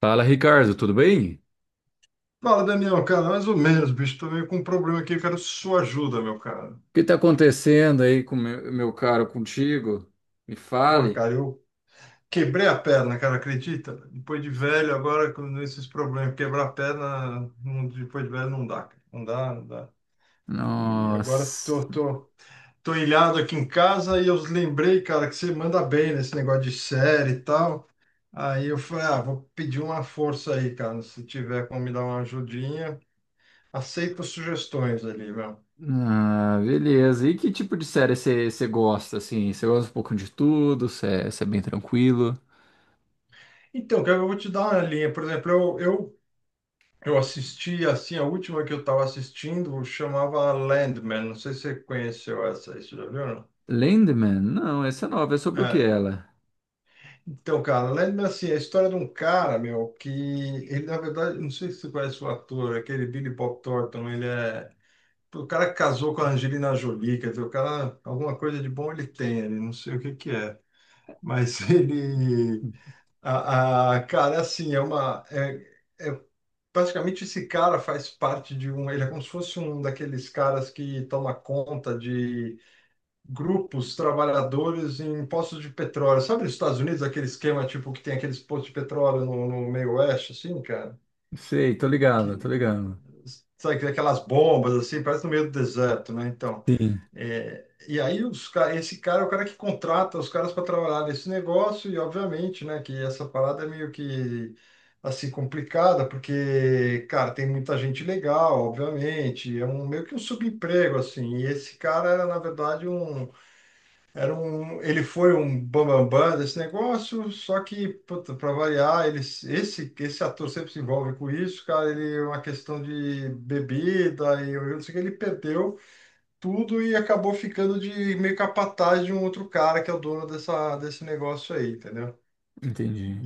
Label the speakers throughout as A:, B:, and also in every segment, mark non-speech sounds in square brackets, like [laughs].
A: Fala, Ricardo, tudo bem? O
B: Fala, Daniel, cara, mais ou menos, bicho. Tô meio com um problema aqui, eu quero sua ajuda, meu cara.
A: que está acontecendo aí com meu caro contigo? Me
B: Porra,
A: fale.
B: cara, eu quebrei a perna, cara, acredita? Depois de velho, agora com esses problemas, quebrar a perna, depois de velho não dá, cara. Não dá, não dá. E agora
A: Nossa,
B: tô ilhado aqui em casa e eu lembrei, cara, que você manda bem nesse negócio de série e tal. Aí eu falei, ah, vou pedir uma força aí, cara, se tiver como me dar uma ajudinha. Aceito sugestões ali, meu.
A: beleza. E que tipo de série você gosta, assim? Você gosta um pouco de tudo? Você é bem tranquilo?
B: Então, cara, eu vou te dar uma linha. Por exemplo, eu assisti, assim, a última que eu estava assistindo chamava Landman. Não sei se você conheceu essa aí, você já viu, não?
A: Landman? Não, essa é nova. É sobre o que
B: É.
A: ela?
B: Então, cara, Landman, assim, é a história de um cara, meu, que ele, na verdade, não sei se você conhece o ator, aquele Billy Bob Thornton, ele é... O cara que casou com a Angelina Jolie, quer dizer, o cara, alguma coisa de bom ele tem, ele não sei o que que é. Mas [laughs] ele... Cara, é assim, é uma. Praticamente esse cara faz parte de um. Ele é como se fosse um daqueles caras que toma conta de grupos trabalhadores em postos de petróleo. Sabe, nos Estados Unidos, aquele esquema tipo que tem aqueles postos de petróleo no, no meio oeste, assim, cara?
A: Sei, tô
B: Que,
A: ligado, tô ligado.
B: sabe, aquelas bombas assim, parece no meio do deserto, né? Então,
A: Sim,
B: é, e aí esse cara é o cara que contrata os caras para trabalhar nesse negócio e obviamente, né, que essa parada é meio que assim complicada, porque, cara, tem muita gente legal, obviamente, é um meio que um subemprego assim. E esse cara era na verdade um era um, ele foi um bambambam desse negócio, só que, para variar, ele, esse ator sempre se envolve com isso, cara. Ele, é uma questão de bebida, e eu não sei o que, ele perdeu tudo e acabou ficando de meio capataz de um outro cara que é o dono dessa, desse negócio aí, entendeu?
A: entendi.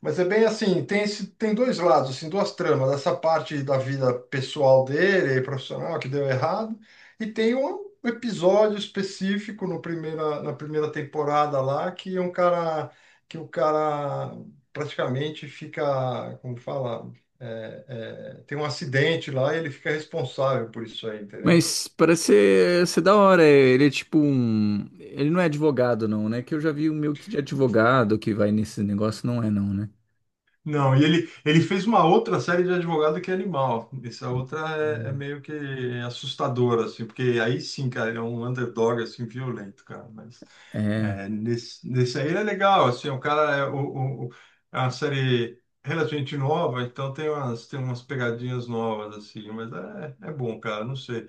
B: Mas é bem assim, tem, tem dois lados, assim, duas tramas, essa parte da vida pessoal dele, profissional, que deu errado, e tem um episódio específico no primeira, na primeira temporada lá, que é um cara, que o cara praticamente fica, como fala, tem um acidente lá e ele fica responsável por isso aí, entendeu?
A: Mas parece ser, ser da hora. Ele é tipo um. Ele não é advogado, não, né? Que eu já vi um meio que de advogado que vai nesse negócio, não é, não, né?
B: Não, e ele fez uma outra série de advogado que é animal. Essa outra é, é
A: Hum.
B: meio que assustadora, assim, porque aí sim, cara, ele é um underdog, assim, violento, cara. Mas
A: É.
B: é, nesse aí ele é legal, assim, o cara é, é uma série relativamente nova, então tem umas pegadinhas novas, assim, mas é, é bom, cara, não sei.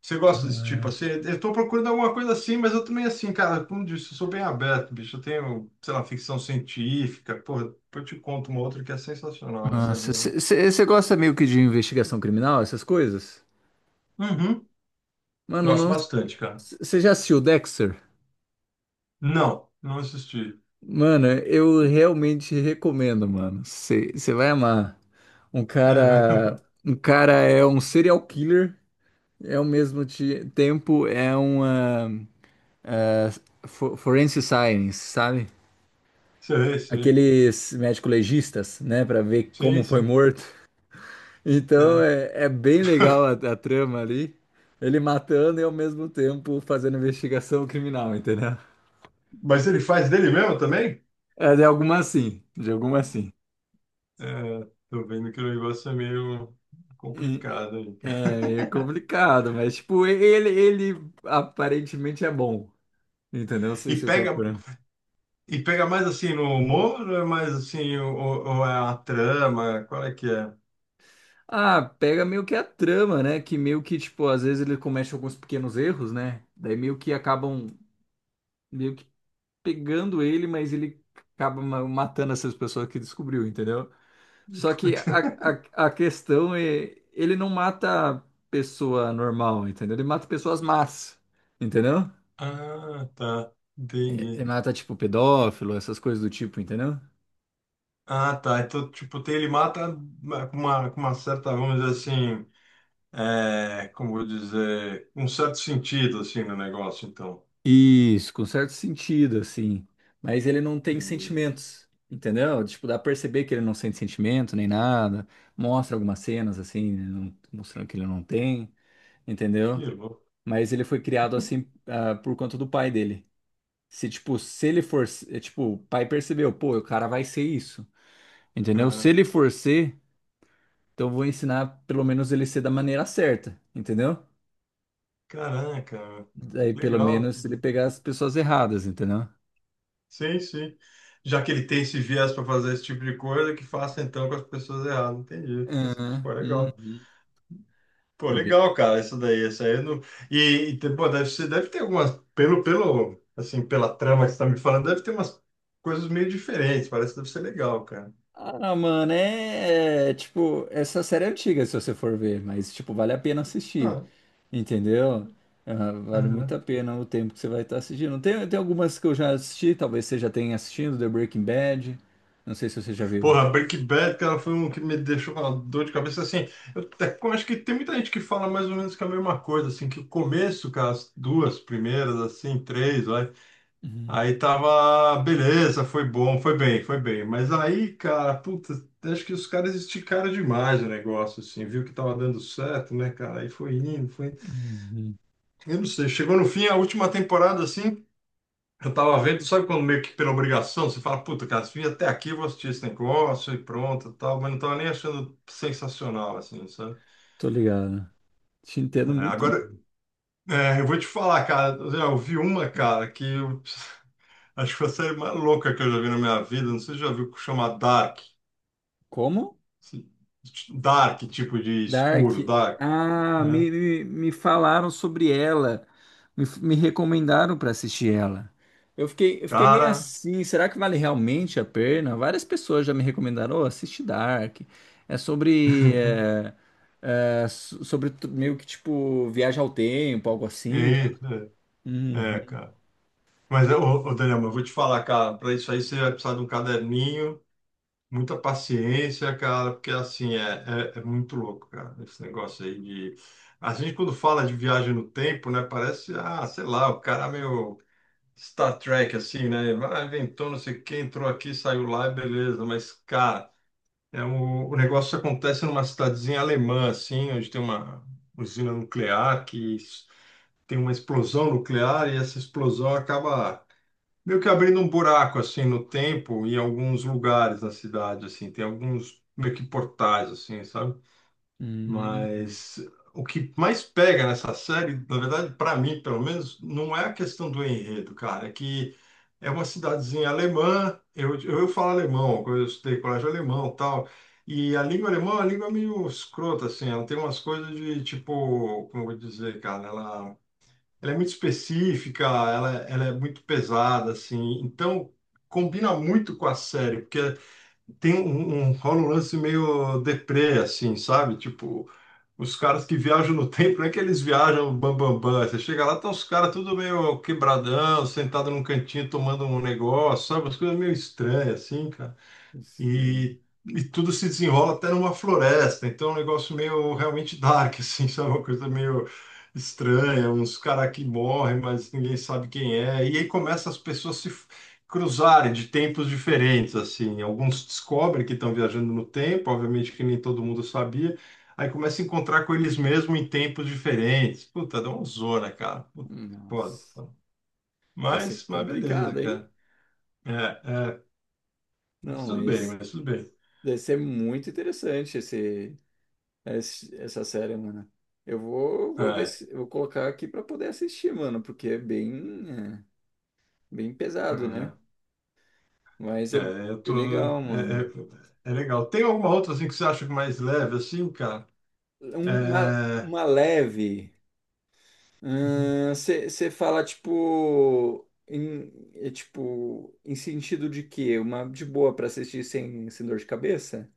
B: Você gosta desse tipo
A: então,
B: assim? Eu tô procurando alguma coisa assim, mas eu também assim, cara, como disse, eu sou bem aberto, bicho. Eu tenho, sei lá, ficção científica. Porra, depois eu te conto uma outra que é sensacional nessa linha.
A: é. Você gosta meio que de investigação criminal, essas coisas?
B: Uhum.
A: Mano,
B: Gosto
A: não.
B: bastante, cara.
A: Você já assistiu Dexter?
B: Não, não assisti.
A: Mano, eu realmente recomendo, mano. Você vai amar. Um
B: É,
A: cara.
B: mesmo?
A: Um cara é um serial killer, é ao mesmo tempo é uma forensic science, sabe?
B: [laughs] Sei, sei.
A: Aqueles médico-legistas, né, pra ver
B: Sim,
A: como foi
B: sim,
A: morto. Então
B: cara.
A: é, é bem legal a trama ali. Ele matando e ao mesmo tempo fazendo investigação criminal, entendeu?
B: Mas ele faz dele mesmo também?
A: É de alguma sim, de alguma sim.
B: É, tô vendo que o negócio é meio
A: E-
B: complicado aí, cara.
A: É, é complicado, mas tipo, ele aparentemente é bom, entendeu?
B: E
A: Se for
B: pega,
A: por...
B: e pega mais assim no humor, ou é mais assim, ou é a trama? Qual é que é?
A: Ah, pega meio que a trama, né? Que meio que, tipo, às vezes ele comete alguns pequenos erros, né? Daí meio que acabam meio que pegando ele, mas ele acaba matando essas pessoas que descobriu, entendeu? Só que a,
B: [laughs]
A: a, a questão é, ele não mata pessoa normal, entendeu? Ele mata pessoas más, entendeu?
B: Ah, tá.
A: Ele
B: Entendi.
A: mata, tipo, pedófilo, essas coisas do tipo, entendeu?
B: Ah, tá. Então, tipo, tem, ele mata, né, com uma certa, vamos dizer assim, é, como vou dizer, um certo sentido, assim, no negócio, então.
A: Isso, com certo sentido, assim. Mas ele não tem
B: Entendi.
A: sentimentos, entendeu? Tipo, dá pra perceber que ele não sente sentimento nem nada. Mostra algumas cenas, assim, né, mostrando que ele não tem,
B: Que
A: entendeu?
B: louco.
A: Mas ele foi criado assim, ah, por conta do pai dele. Se, tipo, se ele for, é, tipo, o pai percebeu, pô, o cara vai ser isso, entendeu? Se
B: Aham.
A: ele for ser, então eu vou ensinar pelo menos ele ser da maneira certa, entendeu?
B: Caraca, meu.
A: Daí pelo
B: Legal.
A: menos ele pegar as pessoas erradas, entendeu?
B: Sim, sim. Já que ele tem esse viés para fazer esse tipo de coisa, que faça então com as pessoas erradas. Entendi. Assim,
A: Aham,
B: pô, legal.
A: uhum.
B: Pô,
A: É bem-
B: legal, cara, isso daí, isso aí eu não... Pô, deve ter algumas, pelo, assim, pela trama que você tá me falando, deve ter umas coisas meio diferentes, parece que deve ser legal, cara.
A: Ah, mano, é, é, tipo, essa série é antiga se você for ver, mas tipo, vale a pena assistir,
B: Ah,
A: entendeu? Ah, vale muito
B: aham.
A: a pena o tempo que você vai estar assistindo. Tem, tem algumas que eu já assisti, talvez você já tenha assistido, The Breaking Bad. Não sei se você já viu.
B: Porra, Breaking Bad, cara, foi um que me deixou com uma dor de cabeça, assim, eu acho que tem muita gente que fala mais ou menos que é a mesma coisa, assim, que o começo, cara, as duas primeiras, assim, três, vai,
A: Uhum,
B: aí tava, beleza, foi bom, foi bem, foi bem. Mas aí, cara, puta, acho que os caras esticaram demais o negócio, assim, viu que tava dando certo, né, cara? Aí foi indo, foi indo.
A: uhum.
B: Eu não sei, chegou no fim, a última temporada, assim, eu tava vendo, sabe, quando meio que pela obrigação, você fala, puta, cara, se vim até aqui, eu vou assistir esse negócio e pronto, tal, mas não tava nem achando sensacional, assim, sabe?
A: Tô ligado. Te
B: É,
A: entendo muito.
B: agora, é, eu vou te falar, cara, eu vi uma, cara, que eu [laughs] acho que foi a série mais louca que eu já vi na minha vida, não sei se você já viu, que chama Dark.
A: Como?
B: Dark, tipo de escuro,
A: Dark.
B: dark.
A: Ah,
B: Né?
A: me falaram sobre ela. Me recomendaram para assistir ela. Eu fiquei meio
B: Cara,
A: assim. Será que vale realmente a pena? Várias pessoas já me recomendaram. Oh, assiste Dark. É sobre.
B: [laughs]
A: É, é, sobre meio que tipo viagem ao tempo, algo assim, né?
B: é, é,
A: Uhum.
B: cara. Mas, ô Daniel, mas eu vou te falar, cara, para isso aí você vai precisar de um caderninho, muita paciência, cara, porque assim, é, é muito louco, cara, esse negócio aí de. A gente, quando fala de viagem no tempo, né, parece, ah, sei lá, o cara meio Star Trek, assim, né? Vai, inventou não sei o que, entrou aqui, saiu lá, beleza, mas, cara. É, o negócio acontece numa cidadezinha alemã, assim, onde tem uma usina nuclear tem uma explosão nuclear e essa explosão acaba meio que abrindo um buraco, assim, no tempo em alguns lugares na cidade, assim. Tem alguns meio que portais, assim, sabe?
A: Uhum.
B: Mas o que mais pega nessa série, na verdade, para mim, pelo menos, não é a questão do enredo, cara. É que é uma cidadezinha alemã, eu falo alemão, eu estudei colégio alemão e tal, e a língua alemã é uma língua meio escrota, assim, ela tem umas coisas de, tipo, como eu vou dizer, cara, ela é muito específica, ela é muito pesada, assim, então combina muito com a série, porque tem rola um lance meio deprê, assim, sabe? Tipo, os caras que viajam no [laughs] tempo, não é que eles viajam bam, bam, bam. Você chega lá, estão os caras tudo meio quebradão, sentado num cantinho tomando um negócio, sabe? As coisas meio estranhas, assim, cara,
A: Não sei.
B: e tudo se desenrola até numa floresta. Então, é um negócio meio realmente dark, [laughs] assim, sabe? Uma coisa meio estranha, uns caras que morrem, mas ninguém sabe quem é. E aí começa as pessoas se f- cruzarem de tempos diferentes, assim. Alguns descobrem que estão viajando no tempo, obviamente que nem todo mundo sabia. Aí começa a encontrar com eles mesmos em tempos diferentes. Puta, dá uma zona, cara. Puta, foda,
A: Nossa.
B: foda.
A: Deve ser
B: Mas, beleza,
A: complicado, hein?
B: cara. É, é, mas
A: Não,
B: tudo bem,
A: mas
B: mas tudo bem.
A: deve ser muito interessante esse, essa série, mano. Eu vou, vou ver
B: É,
A: se vou colocar aqui pra poder assistir, mano, porque é, bem pesado, né?
B: é.
A: Mas
B: É,
A: é
B: eu
A: bem
B: tô,
A: legal,
B: é,
A: mano.
B: é legal. Tem alguma outra assim que você acha mais leve assim, cara? É,
A: Uma leve. Você fala tipo em, é, tipo em sentido de quê? Uma de boa pra assistir sem, sem dor de cabeça?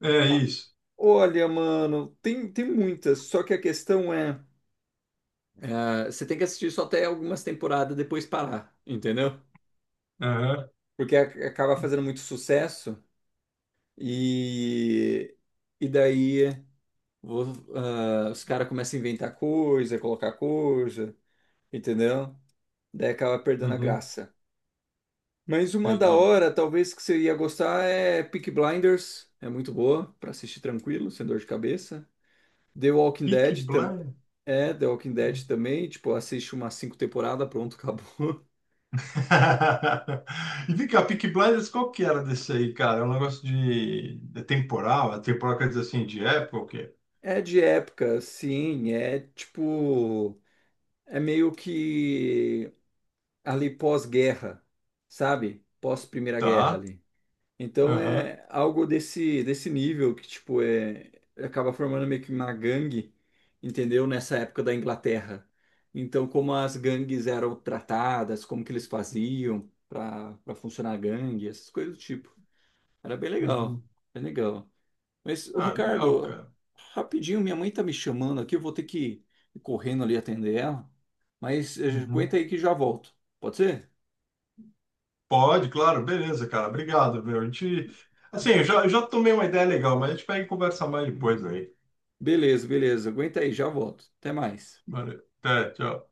B: é isso.
A: Olha, mano, tem, tem muitas, só que a questão é... Ah, você tem que assistir só até algumas temporadas depois parar, entendeu?
B: Aham,
A: Porque acaba fazendo muito sucesso e, e daí vo- ah, os caras começam a inventar coisa, colocar coisa, entendeu? Daí acaba perdendo a
B: uhum,
A: graça. Mas uma da
B: entendi.
A: hora, talvez que você ia gostar é Peaky Blinders, é muito boa pra assistir tranquilo, sem dor de cabeça. The Walking
B: Peaky
A: Dead também,
B: Blinders.
A: é The Walking Dead também, tipo, assiste umas 5 temporadas, pronto, [laughs] acabou.
B: [laughs] E vem cá, Peaky Blinders, qual que era desse aí, cara? É um negócio de temporal? É temporal quer dizer assim, de época ou quê?
A: É de época, sim, é tipo, é meio que ali pós-guerra, sabe? Pós-Primeira Guerra
B: Tá.
A: ali. Então
B: Aham.
A: é algo desse desse nível que tipo é acaba formando meio que uma gangue, entendeu? Nessa época da Inglaterra. Então como as gangues eram tratadas, como que eles faziam para para funcionar a gangue, essas coisas do tipo. Era bem legal,
B: Uhum.
A: bem legal. Mas, ô
B: Ah, legal,
A: Ricardo,
B: cara.
A: rapidinho, minha mãe tá me chamando aqui, eu vou ter que ir correndo ali atender ela. Mas aguenta
B: Uhum.
A: aí que já volto. Pode ser?
B: Pode, claro, beleza, cara. Obrigado, meu. A gente. Assim, eu já tomei uma ideia legal, mas a gente pega e conversa mais depois aí.
A: Beleza, beleza. Aguenta aí, já volto. Até mais.
B: Valeu. Até, tchau.